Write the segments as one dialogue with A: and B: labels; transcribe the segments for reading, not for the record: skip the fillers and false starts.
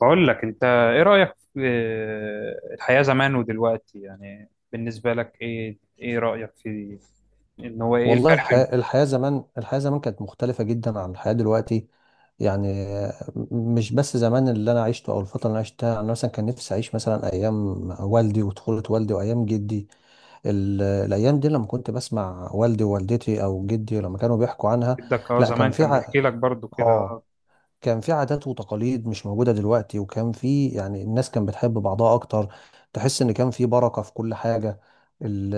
A: بقول لك انت ايه رأيك في الحياة زمان ودلوقتي؟ يعني بالنسبة لك ايه ايه رأيك في ان هو ايه
B: والله
A: الفرق بينهم؟
B: الحياة زمان كانت مختلفة جدا عن الحياة دلوقتي. يعني مش بس زمان اللي أنا عشته أو الفترة اللي أنا عشتها. أنا مثلا كان نفسي أعيش مثلا أيام والدي وطفولة والدي وأيام جدي. الأيام دي لما كنت بسمع والدي ووالدتي أو جدي لما كانوا بيحكوا عنها.
A: جدك اه
B: لا،
A: زمان كان بيحكي لك برضو كده
B: آه
A: اه؟
B: كان في عادات وتقاليد مش موجودة دلوقتي. وكان في يعني الناس كانت بتحب بعضها أكتر. تحس إن كان في بركة في كل حاجة. ال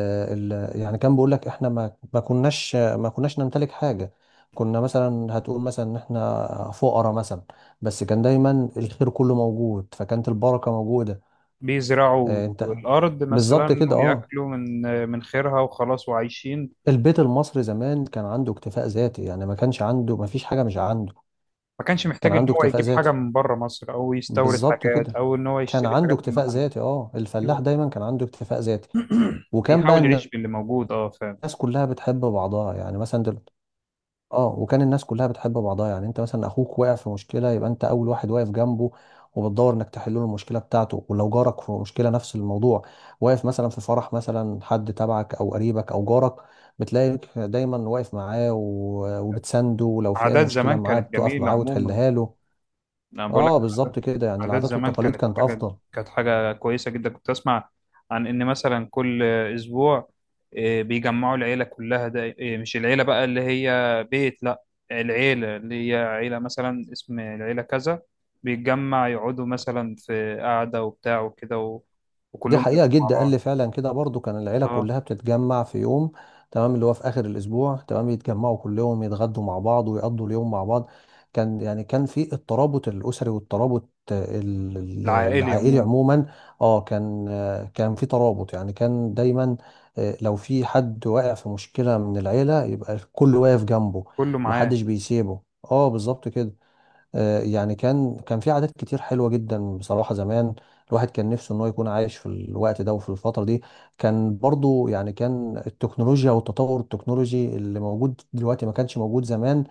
B: ال يعني كان بيقول لك إحنا ما كناش نمتلك حاجة. كنا مثلا هتقول مثلا إن إحنا فقراء مثلا، بس كان دايما الخير كله موجود، فكانت البركة موجودة.
A: بيزرعوا
B: آه، أنت
A: الارض
B: بالظبط
A: مثلا
B: كده، أه.
A: وياكلوا من من خيرها وخلاص وعايشين.
B: البيت المصري زمان كان عنده اكتفاء ذاتي، يعني ما كانش عنده، ما فيش حاجة مش عنده.
A: ما كانش
B: كان
A: محتاج ان
B: عنده
A: هو
B: اكتفاء
A: يجيب حاجة
B: ذاتي،
A: من بره مصر او يستورد
B: بالظبط
A: حاجات
B: كده.
A: او ان هو
B: كان
A: يشتري
B: عنده
A: حاجات من
B: اكتفاء
A: محل.
B: ذاتي، اه، الفلاح
A: أيوة.
B: دايما كان عنده اكتفاء ذاتي. وكان بقى
A: بيحاول
B: الناس
A: يعيش باللي موجود اه فعلا.
B: كلها بتحب بعضها، يعني مثلا دل... اه وكان الناس كلها بتحب بعضها. يعني انت مثلا اخوك وقع في مشكله، يبقى انت اول واحد واقف جنبه وبتدور انك تحل له المشكله بتاعته. ولو جارك في مشكله نفس الموضوع، واقف مثلا في فرح مثلا حد تبعك او قريبك او جارك، بتلاقيك دايما واقف معاه وبتسنده. ولو في اي
A: عادات
B: مشكله
A: زمان
B: معاه
A: كانت
B: بتقف
A: جميلة
B: معاه
A: عموما.
B: وتحلها له.
A: انا بقول لك
B: اه بالظبط كده، يعني
A: عادات
B: العادات
A: زمان
B: والتقاليد
A: كانت
B: كانت
A: حاجه،
B: افضل.
A: كانت حاجه كويسه جدا. كنت اسمع عن ان مثلا كل اسبوع، بيجمعوا العيله كلها، ده مش العيله بقى اللي هي بيت، لا، العيله اللي هي عيله مثلا اسم العيله كذا، بيتجمع يقعدوا مثلا في قعده وبتاع وكده و...
B: دي
A: وكلهم
B: حقيقة،
A: بيقعدوا مع
B: جد قال لي
A: بعض.
B: فعلا كده برضو. كان العيلة
A: اه،
B: كلها بتتجمع في يوم، تمام، اللي هو في آخر الأسبوع، تمام، يتجمعوا كلهم، يتغدوا مع بعض ويقضوا اليوم مع بعض. كان يعني كان في الترابط الأسري والترابط
A: العائلي
B: العائلي
A: عموما.
B: عموما. اه كان، كان في ترابط، يعني كان دايما. لو في حد واقع في مشكلة من العيلة، يبقى الكل واقف جنبه،
A: كله معاه.
B: محدش بيسيبه. اه بالظبط كده. يعني كان في عادات كتير حلوة جدا بصراحة زمان. الواحد كان نفسه ان هو يكون عايش في الوقت ده وفي الفترة دي. كان برضو، يعني كان التكنولوجيا والتطور التكنولوجي اللي موجود دلوقتي ما كانش موجود زمان.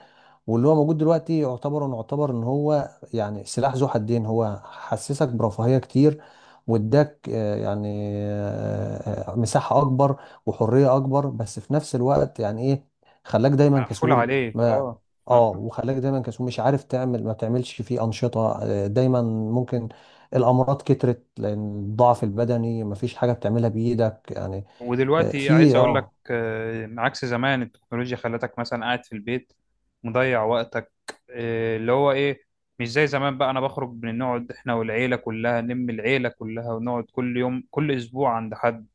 B: واللي هو موجود دلوقتي نعتبر ان هو يعني سلاح ذو حدين. هو حسسك برفاهية كتير، واداك مساحة اكبر وحرية اكبر، بس في نفس الوقت يعني ايه، خلاك دايما
A: مقفول
B: كسول.
A: عليك
B: ما
A: اه.
B: اه وخلاك دايما كسول، مش عارف تعمل، ما بتعملش فيه انشطة. دايما ممكن الامراض كترت، لان الضعف البدني مفيش حاجة بتعملها بايدك يعني. آه،
A: ودلوقتي عايز
B: في
A: اقول لك
B: اه
A: عكس زمان، التكنولوجيا خلتك مثلا قاعد في البيت مضيع وقتك، اللي هو ايه، مش زي زمان بقى. انا بخرج من نقعد احنا والعيلة كلها، نلم العيلة كلها ونقعد كل يوم كل اسبوع عند حد،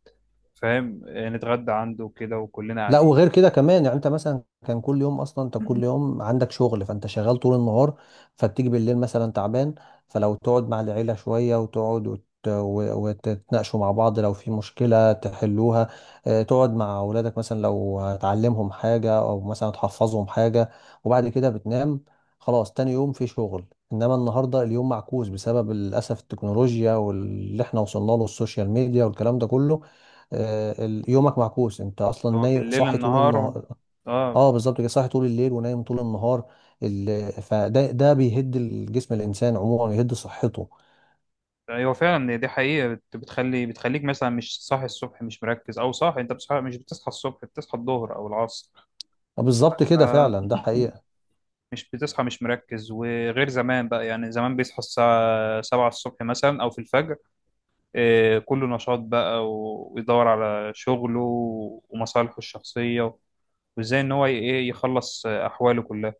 A: فاهم، نتغدى عنده كده وكلنا
B: لا،
A: قاعدين.
B: وغير كده كمان، يعني انت مثلا كان كل يوم اصلا، انت كل يوم عندك شغل، فانت شغال طول النهار. فتيجي بالليل مثلا تعبان، فلو تقعد مع العيلة شوية وتقعد وتتناقشوا مع بعض، لو في مشكلة تحلوها. اه، تقعد مع اولادك مثلا، لو تعلمهم حاجة او مثلا تحفظهم حاجة، وبعد كده بتنام. خلاص تاني يوم في شغل. انما النهارده اليوم معكوس، بسبب للاسف التكنولوجيا واللي احنا وصلنا له، السوشيال ميديا والكلام ده كله. يومك معكوس. انت اصلا
A: اللي هو
B: نايم،
A: بالليل
B: صاحي طول
A: النهار و...
B: النهار.
A: اه.
B: اه بالظبط كده، صاحي طول الليل ونايم طول النهار. ده بيهد الجسم، الانسان عموما يهد صحته.
A: ايوه فعلا، دي حقيقة، بتخلي بتخليك مثلا مش صاحي الصبح، مش مركز، او صاحي. انت بتصحى، مش بتصحى الصبح، بتصحى الظهر او العصر.
B: آه، بالظبط كده،
A: آه،
B: فعلا ده حقيقة.
A: مش بتصحى، مش مركز. وغير زمان بقى، يعني زمان بيصحى الساعة سبعة الصبح مثلا أو في الفجر، إيه، كله نشاط بقى ويدور على شغله ومصالحه الشخصية، وإزاي إن هو إيه يخلص أحواله كلها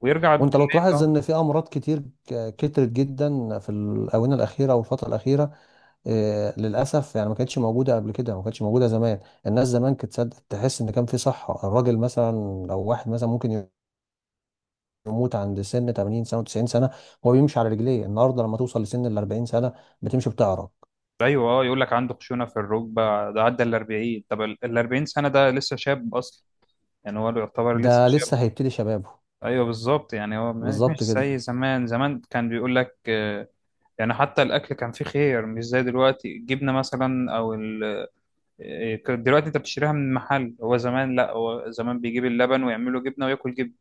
A: ويرجع بالليل.
B: وانت لو تلاحظ
A: أه.
B: ان في امراض كتير كترت جدا في الاونه الاخيره او الفتره الاخيره. للاسف يعني ما كانتش موجوده قبل كده، ما كانتش موجوده زمان. الناس زمان كانت تحس ان كان في صحه. الراجل مثلا، او واحد مثلا، ممكن يموت عند سن 80 سنه و90 سنه، هو بيمشي على رجليه. النهارده لما توصل لسن ال 40 سنه بتمشي بتعرج.
A: أيوه أه، يقول لك عنده خشونة في الركبة، ده عدى ال 40. طب ال 40 سنة ده لسه شاب أصلا، يعني هو يعتبر لسه
B: ده لسه
A: شاب.
B: هيبتدي شبابه،
A: أيوه بالظبط، يعني هو
B: بالظبط
A: مش
B: كده.
A: زي زمان. زمان كان بيقول لك آه، يعني حتى الاكل كان فيه خيار، مش زي دلوقتي. الجبنه مثلا او ال... إيه، كان دلوقتي انت بتشتريها من محل، هو زمان لا، هو زمان بيجيب اللبن ويعمله جبنه وياكل جبنه.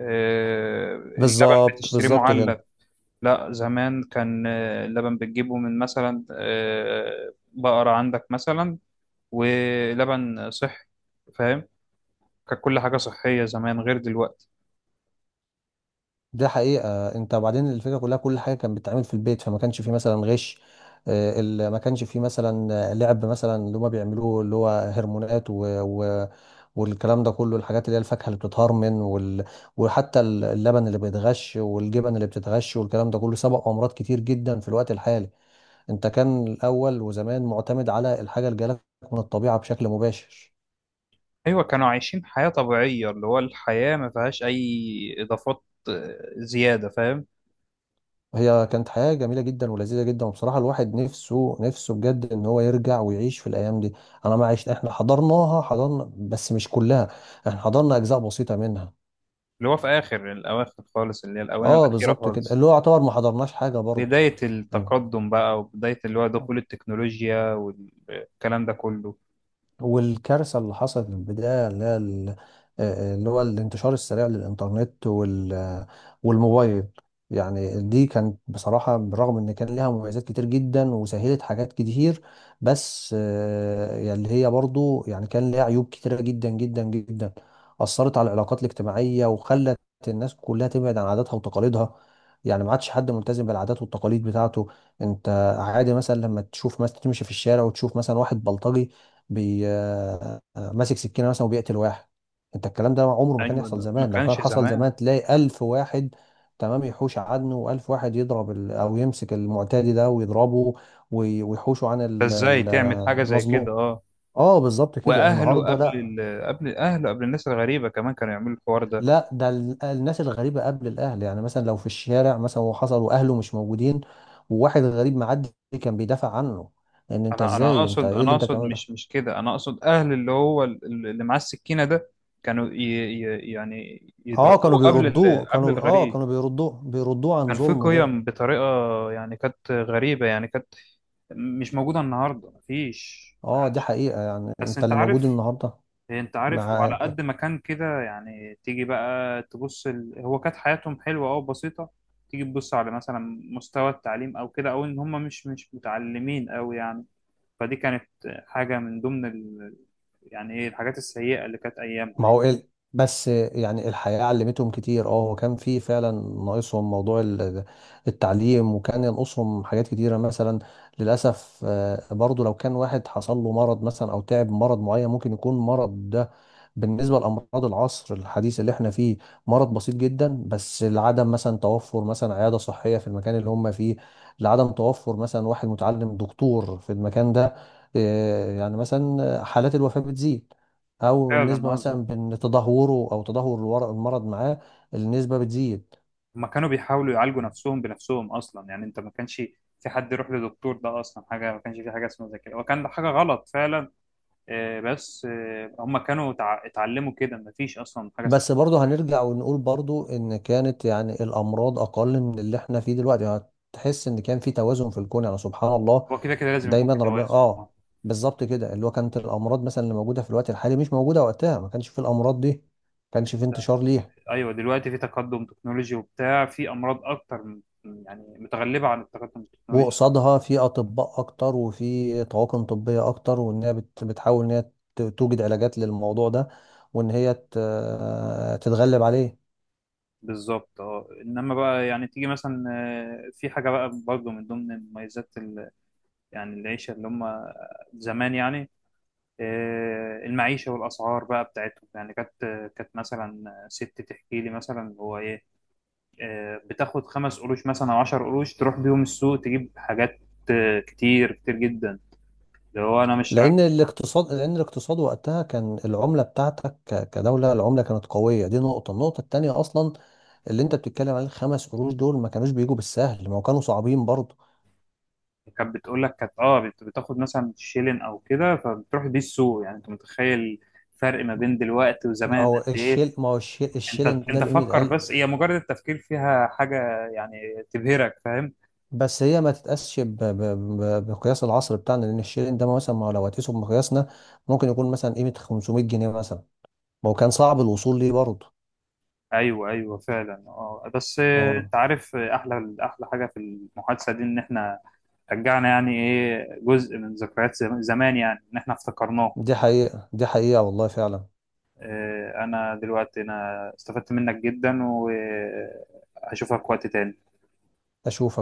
A: اللبن
B: بالظبط،
A: بتشتريه
B: بالظبط كده.
A: معلب؟ لا، زمان كان اللبن بتجيبه من مثلا بقره عندك مثلا، ولبن صحي، فاهم؟ كان كل حاجه صحيه زمان غير دلوقتي.
B: ده حقيقه، انت وبعدين الفكره كلها، كل حاجه كانت بتتعمل في البيت، فما كانش فيه مثلا غش. ما كانش فيه مثلا لعب مثلا، اللي هما بيعملوه، اللي هو هرمونات و... والكلام ده كله، الحاجات اللي هي الفاكهه اللي بتتهرمن وحتى اللبن اللي بيتغش، والجبن اللي بتتغش، والكلام ده كله سبق امراض كتير جدا في الوقت الحالي. انت كان الاول وزمان معتمد على الحاجه اللي جالك من الطبيعه بشكل مباشر.
A: ايوه، كانوا عايشين حياه طبيعيه، اللي هو الحياه ما فيهاش اي اضافات، زياده، فاهم.
B: وهي كانت حياه جميله جدا ولذيذه جدا، وبصراحه الواحد نفسه، نفسه بجد ان هو يرجع ويعيش في الايام دي. انا ما عشت احنا حضرناها، حضرنا بس مش كلها، احنا حضرنا اجزاء بسيطه منها.
A: اللي هو في آخر الأواخر خالص، اللي هي الآونة
B: اه
A: الأخيرة
B: بالظبط كده،
A: خالص،
B: اللي هو يعتبر ما حضرناش حاجه برضه.
A: بداية التقدم بقى وبداية اللي هو دخول التكنولوجيا والكلام ده كله.
B: والكارثة اللي حصلت من البداية اللي هي اللي هو الانتشار السريع للإنترنت والموبايل. يعني دي كانت بصراحة، بالرغم إن كان ليها مميزات كتير جدا وسهلت حاجات كتير، بس يعني اللي هي برضو يعني كان ليها عيوب كتيرة جدا جدا جدا. أثرت على العلاقات الاجتماعية، وخلت الناس كلها تبعد عن عاداتها وتقاليدها، يعني ما عادش حد ملتزم بالعادات والتقاليد بتاعته. انت عادي مثلا لما تشوف مثلا، تمشي في الشارع وتشوف مثلا واحد بلطجي بي آه، آه، ماسك سكينه مثلا وبيقتل واحد. انت الكلام ده عمره ما كان
A: أيوة،
B: يحصل
A: ده ما
B: زمان. لو كان
A: كانش
B: حصل
A: زمان.
B: زمان تلاقي 1000 واحد، تمام، يحوش عنه، و1000 واحد يضرب او يمسك المعتدي ده ويضربه، ويحوشه عن
A: فإزاي تعمل حاجة زي كده،
B: المظلوم.
A: أه.
B: اه بالظبط كده،
A: وأهله
B: النهارده
A: قبل
B: لا.
A: ال... قبل أهله قبل الناس الغريبة كمان كانوا يعملوا الحوار ده.
B: لا، ده الناس الغريبه قبل الاهل، يعني مثلا لو في الشارع مثلا وحصل واهله مش موجودين، وواحد غريب معدي كان بيدافع عنه، ان انت
A: أنا
B: ازاي، انت
A: أقصد،
B: ايه
A: أنا
B: اللي انت
A: أقصد
B: بتعمله
A: مش
B: ده.
A: مش كده. أنا أقصد أهل اللي هو اللي معاه السكينة ده كانوا ي... ي... يعني
B: اه، كانوا
A: يضربوه قبل ال...
B: بيردوه
A: قبل
B: كانوا اه
A: الغريب.
B: كانوا بيردوه بيردوه عن
A: كان في
B: ظلمه ده.
A: قيم بطريقة، يعني كانت غريبة، يعني كانت مش موجودة النهاردة، مفيش،
B: اه دي
A: معلش.
B: حقيقة، يعني
A: بس
B: انت
A: انت
B: اللي موجود
A: عارف،
B: النهارده،
A: انت عارف، وعلى
B: معاك.
A: قد ما كان كده، يعني تيجي بقى تبص ال... هو كانت حياتهم حلوة او بسيطة، تيجي تبص على مثلا مستوى التعليم او كده، او ان هم مش مش متعلمين قوي يعني. فدي كانت حاجة من ضمن ال... يعني ايه الحاجات السيئة اللي كانت
B: ما
A: ايامها.
B: هو ال... بس يعني الحياة علمتهم كتير. اه هو كان في فعلا، ناقصهم موضوع التعليم، وكان ينقصهم حاجات كتيرة مثلا. للأسف آه، برضو لو كان واحد حصل له مرض مثلا، أو تعب من مرض معين، ممكن يكون مرض ده بالنسبة لأمراض العصر الحديث اللي احنا فيه مرض بسيط جدا، بس لعدم مثلا توفر مثلا عيادة صحية في المكان اللي هم فيه، لعدم توفر مثلا واحد متعلم دكتور في المكان ده. آه، يعني مثلا حالات الوفاة بتزيد، او
A: فعلا،
B: النسبه
A: هذا.
B: مثلا بين تدهوره او تدهور المرض معاه، النسبه بتزيد.
A: هما كانوا بيحاولوا يعالجوا نفسهم بنفسهم اصلا، يعني انت ما كانش في حد يروح لدكتور، ده اصلا حاجة ما كانش في حاجة اسمها زي كده، وكان ده حاجة غلط فعلا. بس هم كانوا اتعلموا كده، مفيش اصلا حاجه اسمها.
B: بس برضه هنرجع ونقول برضه ان كانت يعني الامراض اقل من اللي احنا فيه دلوقتي. يعني هتحس ان كان في توازن في الكون، يعني سبحان الله،
A: هو كده كده لازم يكون
B: دايما
A: في
B: ربنا،
A: توازن.
B: اه بالظبط كده. اللي هو كانت الامراض مثلا اللي موجوده في الوقت الحالي مش موجوده وقتها، ما كانش في الامراض دي، ما كانش في
A: انت،
B: انتشار ليها.
A: ايوه، دلوقتي في تقدم تكنولوجي وبتاع، في امراض اكتر يعني متغلبه عن التقدم التكنولوجي.
B: وقصادها في اطباء اكتر وفي طواقم طبيه اكتر، وان هي بتحاول ان هي توجد علاجات للموضوع ده، وان هي تتغلب عليه.
A: بالظبط اه، انما بقى يعني تيجي مثلا، في حاجه بقى برضه من ضمن مميزات ال-، يعني العيشه اللي هم زمان يعني، المعيشه والاسعار بقى بتاعتهم يعني، كانت كانت مثلا ست تحكي لي مثلا هو ايه، بتاخد 5 قروش مثلا او 10 قروش تروح بيهم السوق تجيب حاجات كتير كتير جدا، اللي هو انا مش
B: لان
A: رايح.
B: الاقتصاد لان الاقتصاد وقتها كان العمله بتاعتك كدوله، العمله كانت قويه. دي نقطه. النقطه التانيه اصلا اللي انت بتتكلم عليه، الخمس قروش دول ما كانوش بيجوا بالسهل، ما هو كانوا صعبين برضه.
A: كانت بتقول لك كانت اه بتاخد مثلا شيلين او كده فبتروح بيه السوق. يعني انت متخيل الفرق ما بين دلوقتي
B: ما
A: وزمان
B: هو
A: قد ايه؟
B: الشيل ما هو الشيل
A: انت
B: الشيلن ده
A: انت
B: بقيمه،
A: فكر بس، هي مجرد التفكير فيها حاجة يعني تبهرك، فاهم.
B: بس هي ما تتقاسش بمقياس العصر بتاعنا. لان الشيرين ده مثلا، ما هو لو هتقيسه بمقياسنا ممكن يكون مثلا قيمة 500 جنيه مثلا، ما هو كان صعب الوصول ليه برضه.
A: ايوه ايوه فعلا اه. بس
B: اه
A: انت عارف، احلى احلى حاجة في المحادثة دي ان احنا رجعنا يعني ايه جزء من ذكريات زمان، يعني ان احنا افتكرناه.
B: دي حقيقة، دي حقيقة والله فعلا.
A: انا دلوقتي انا استفدت منك جدا، وهشوفك وقت تاني.
B: اشوف